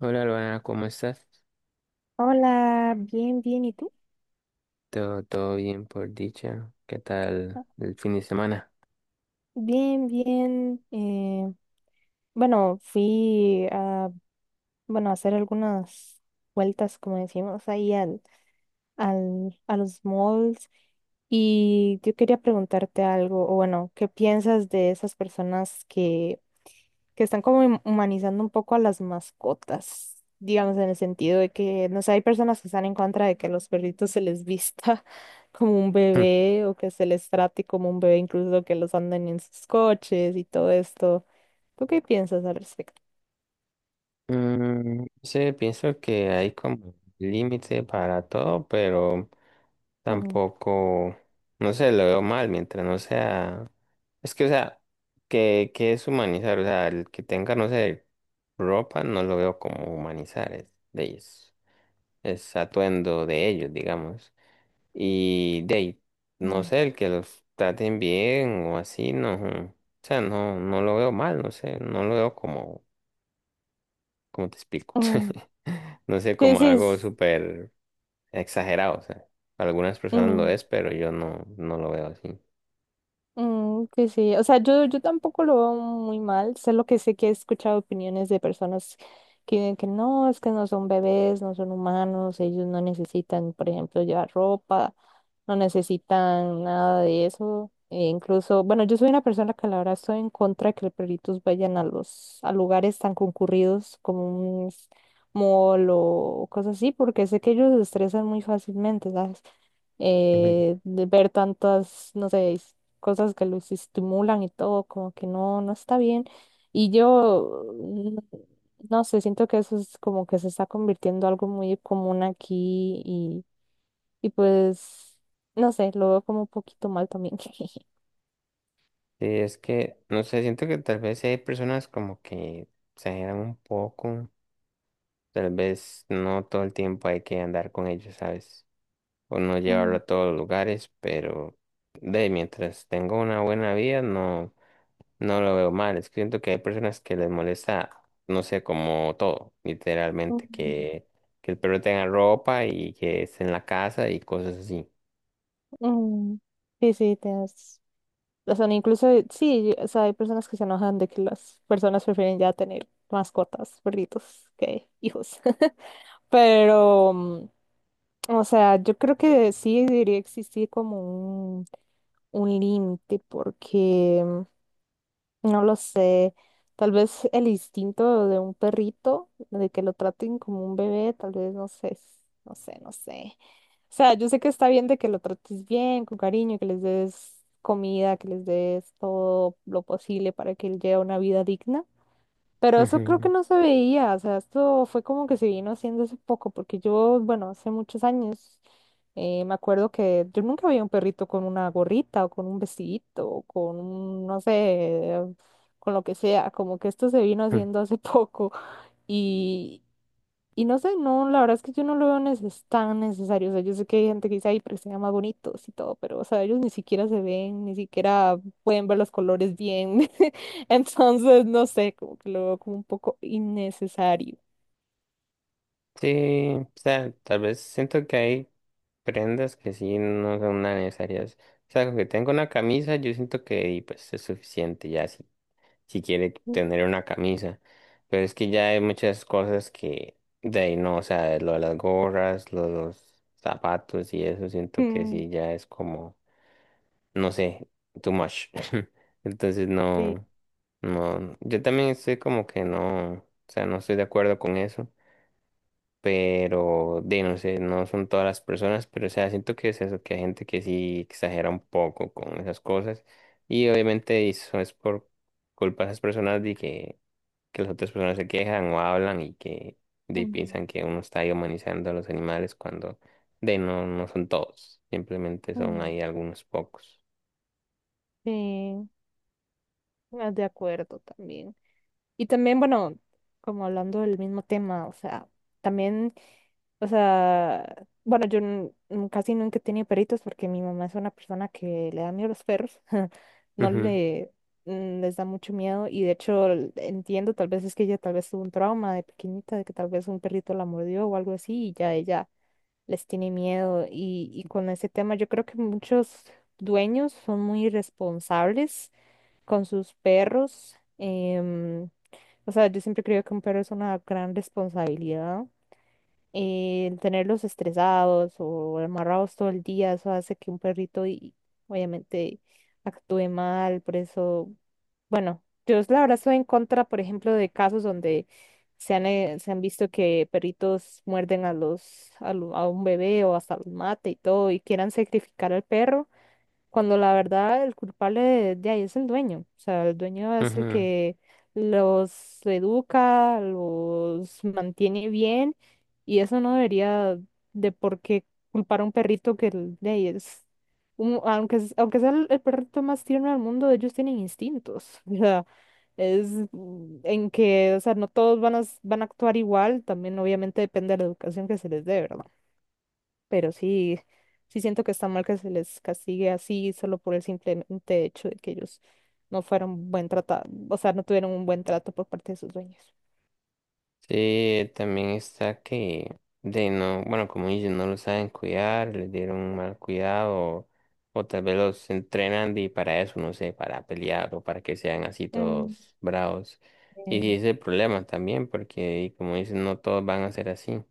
Hola, Luana, ¿cómo estás? Hola, bien, bien, ¿y tú? Todo bien por dicha. ¿Qué tal el fin de semana? Bien, bien. Bueno, fui a, bueno, a hacer algunas vueltas, como decimos, ahí al, a los malls. Y yo quería preguntarte algo, o bueno, ¿qué piensas de esas personas que están como humanizando un poco a las mascotas, digamos, en el sentido de que, no sé, hay personas que están en contra de que a los perritos se les vista como un bebé o que se les trate como un bebé, incluso que los anden en sus coches y todo esto? ¿Tú qué piensas al respecto? Hmm. Sí, pienso que hay como límite para todo, pero Mm, tampoco, no sé, lo veo mal mientras no sea, es que, o sea, que es humanizar, o sea, el que tenga, no sé, ropa, no lo veo como humanizar, es de ellos, es atuendo de ellos, digamos. Y de ahí, no mm, sé, el que los traten bien o así, no. O sea, no lo veo mal, no sé, no lo veo como, como te explico. mm. No sé, Sí, como sí. algo súper exagerado, o sea, para algunas personas lo Mm. es, pero yo no lo veo así. Mm, que sí, o sea, yo tampoco lo veo muy mal, solo que sé que he escuchado opiniones de personas que dicen que no, es que no son bebés, no son humanos, ellos no necesitan, por ejemplo, llevar ropa, no necesitan nada de eso. E incluso, bueno, yo soy una persona que la verdad estoy en contra de que los perritos vayan a los, a lugares tan concurridos como un mall o cosas así, porque sé que ellos se estresan muy fácilmente, ¿sabes? Ujú. De ver tantas, no sé, cosas que los estimulan y todo, como que no, no está bien. Y yo, mm, no sé, siento que eso es como que se está convirtiendo algo muy común aquí y pues, no sé, lo veo como un poquito mal también. Sí, es que, no sé, siento que tal vez hay personas como que exageran un poco, tal vez no todo el tiempo hay que andar con ellos, ¿sabes? O no llevarlo Mm, a todos los lugares, pero de mientras tengo una buena vida, no lo veo mal. Es que siento que hay personas que les molesta, no sé, como todo, literalmente, mm. Que el perro tenga ropa y que esté en la casa y cosas así. Mm, sí, sí, tienes, o sea, incluso, sí, o sea, hay personas que se enojan de que las personas prefieren ya tener mascotas, perritos, que hijos. Pero, mm, o sea, yo creo que sí debería existir como un, un límite, porque mm, no lo sé. Tal vez el instinto de un perrito, de que lo traten como un bebé, tal vez no sé, no sé, no sé. O sea, yo sé que está bien de que lo trates bien, con cariño, que les des comida, que les des todo lo posible para que él lleve una vida digna. Pero eso creo que Ujú. no se veía, o sea, esto fue como que se vino haciendo hace poco, porque yo, bueno, hace muchos años, me acuerdo que yo nunca veía un perrito con una gorrita o con un vestidito o con, un, no sé, con lo que sea, como que esto se vino haciendo hace poco. y y no sé, no, la verdad es que yo no lo veo tan necesario. O sea, yo sé que hay gente que dice, ay, pero se ven más bonitos y todo, pero, o sea, ellos ni siquiera se ven, ni siquiera pueden ver los colores bien. Entonces, no sé, como que lo veo como un poco innecesario. Sí, o sea, tal vez siento que hay prendas que sí no son tan necesarias. O sea, con que tengo una camisa, yo siento que y, pues es suficiente, ya si si quiere tener una camisa. Pero es que ya hay muchas cosas que de ahí no, o sea, lo de las gorras, lo de los zapatos y eso, siento que Mm. sí, ya es como, no sé, too much. Entonces Sí, no, yo también estoy como que no, o sea, no estoy de acuerdo con eso. Pero, de no sé, no son todas las personas, pero o sea, siento que es eso, que hay gente que sí exagera un poco con esas cosas. Y obviamente eso es por culpa de esas personas de que las otras personas se quejan o hablan y que de, mm, piensan que uno está ahí humanizando a los animales cuando de no, no son todos, simplemente son mm, ahí algunos pocos. sí, ah, de acuerdo también. Y también, bueno, como hablando del mismo tema, o sea, también, o sea, bueno, yo casi nunca he tenido perritos porque mi mamá es una persona que le da miedo a los perros, no le mm, les da mucho miedo. Y de hecho entiendo, tal vez es que ella tal vez tuvo un trauma de pequeñita, de que tal vez un perrito la mordió o algo así y ya ella les tiene miedo. Y, y con ese tema yo creo que muchos dueños son muy irresponsables con sus perros. O sea, yo siempre creo que un perro es una gran responsabilidad. El tenerlos estresados o amarrados todo el día, eso hace que un perrito y, obviamente, actúe mal. Por eso, bueno, yo la verdad estoy en contra, por ejemplo, de casos donde se han visto que perritos muerden a los, a, a un bebé o hasta los mate y todo y quieran sacrificar al perro cuando la verdad el culpable de ahí es el dueño. O sea, el dueño es Ujú, el ujú. que los educa, los mantiene bien, y eso no debería de por qué culpar a un perrito que de ahí es, aunque, aunque sea el perrito más tierno del mundo, ellos tienen instintos. O sea, es mm, en que, o sea, no todos van a, van a actuar igual, también obviamente depende de la educación que se les dé, ¿verdad? Pero sí, sí siento que está mal que se les castigue así solo por el simplemente hecho de que ellos no fueron buen tratado, o sea, no tuvieron un buen trato por parte de sus dueños. Sí, también está que de no, bueno, como dicen, no los saben cuidar, les dieron un mal cuidado o tal vez los entrenan y para eso, no sé, para pelear o para que sean así Mm, todos bravos. Y eh, ese es el problema también, porque y como dicen, no todos van a ser así.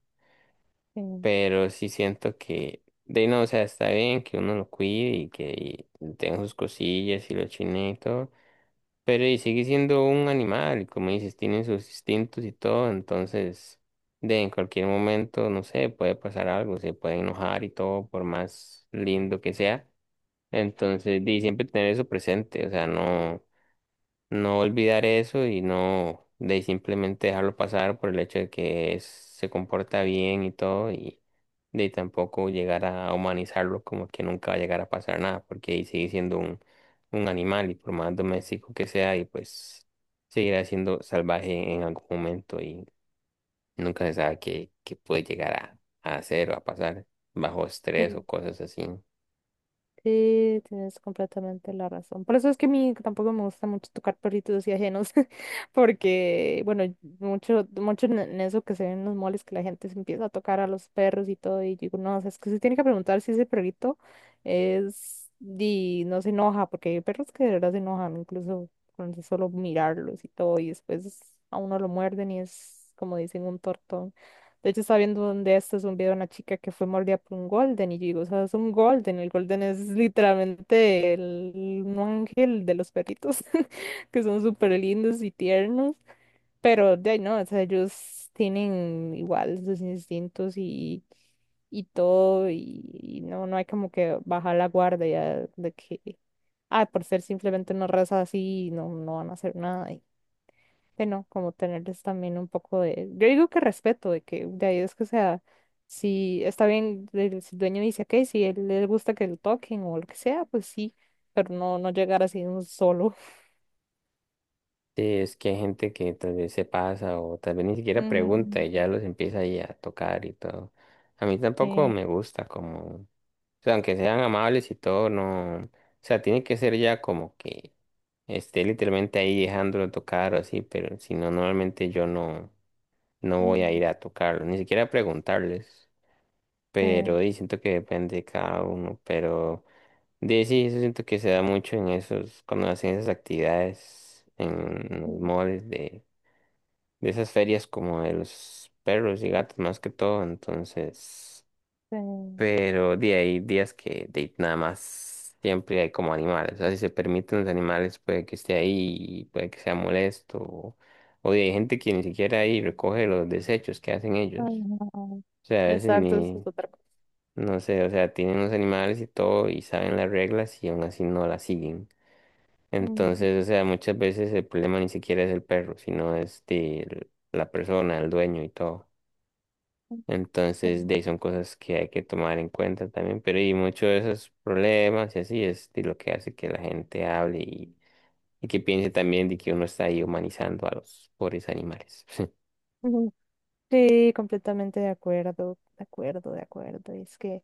eh, Pero sí siento que, de ahí no, o sea, está bien que uno lo cuide y que tenga sus cosillas y lo chine y todo, pero y sigue siendo un animal, y como dices, tiene sus instintos y todo, entonces, de en cualquier momento, no sé, puede pasar algo, se puede enojar y todo, por más lindo que sea, entonces, de siempre tener eso presente, o sea, no no olvidar eso y no de simplemente dejarlo pasar por el hecho de que se comporta bien y todo y de tampoco llegar a humanizarlo como que nunca va a llegar a pasar nada porque ahí sigue siendo un animal y por más doméstico que sea y pues seguirá siendo salvaje en algún momento y nunca se sabe qué puede llegar a hacer o a pasar bajo estrés eh, o cosas así. sí, tienes completamente la razón. Por eso es que a mí tampoco me gusta mucho tocar perritos y ajenos, porque, bueno, mucho, mucho en eso que se ven en los moles, que la gente se empieza a tocar a los perros y todo, y yo digo, no, o sea, es que se tiene que preguntar si ese perrito es, y no se enoja, porque hay perros que de verdad se enojan, incluso con solo mirarlos y todo, y después a uno lo muerden y es, como dicen, un tortón. De hecho, estaba viendo donde esto es un video de una chica que fue mordida por un golden y yo digo, o sea, es un golden. El golden es literalmente el, un ángel de los perritos, que son súper lindos y tiernos, pero de ahí no, o sea, ellos tienen igual sus instintos y todo y no, no hay como que bajar la guardia de que, ah, por ser simplemente una raza así, no, no van a hacer nada, de no como tenerles también un poco de, yo digo que respeto, de que de ahí es que o sea, si está bien, el, si el dueño dice, ok, si él le gusta que lo toquen o lo que sea, pues sí, pero no, no llegar así de un solo. Sí, es que hay gente que tal vez se pasa o tal vez ni siquiera pregunta Mm, y ya los empieza ahí a tocar y todo. A mí tampoco sí, me gusta como, o sea, aunque sean amables y todo, no, o sea, tiene que ser ya como que esté literalmente ahí dejándolo tocar o así, pero si no, normalmente yo no voy a mm, ir a tocarlo, ni siquiera a preguntarles, sí, pero y siento que depende de cada uno, pero de sí, eso siento que se da mucho en esos, cuando hacen esas actividades en los mm, moles de esas ferias como de los perros y gatos más que todo, entonces, sí. pero de ahí días que de, ahí nada más siempre hay como animales, o sea, si se permiten los animales puede que esté ahí, puede que sea molesto, o de ahí hay gente que ni siquiera ahí recoge los desechos que hacen Ay, ellos, no. o sea, a veces Exacto, eso ni, es otra cosa. no sé, o sea, tienen los animales y todo y saben las reglas y aún así no las siguen. Mm, Entonces, o sea, muchas veces el problema ni siquiera es el perro, sino es de la persona, el dueño y todo. mm, Entonces, de mm. ahí son cosas que hay que tomar en cuenta también, pero y muchos de esos problemas y así es de lo que hace que la gente hable y que piense también de que uno está ahí humanizando a los pobres animales. Mm. Sí, completamente de acuerdo, de acuerdo, de acuerdo. Es que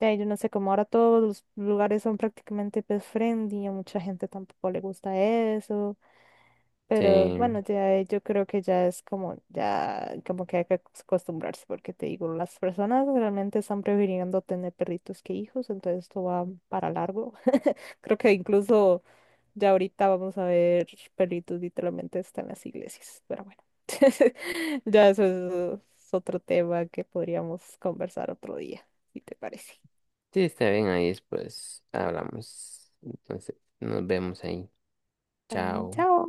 ya, yo no sé, como ahora todos los lugares son prácticamente pet friendly, a mucha gente tampoco le gusta eso, pero Sí, bueno, ya yo creo que ya es como, ya como que hay que acostumbrarse, porque te digo, las personas realmente están prefiriendo tener perritos que hijos, entonces esto va para largo. Creo que incluso ya ahorita vamos a ver perritos literalmente hasta en las iglesias, pero bueno, ya eso es otro tema que podríamos conversar otro día, si te parece. sí, está bien, ahí después hablamos. Entonces, nos vemos ahí. Está bien, Chao. chao.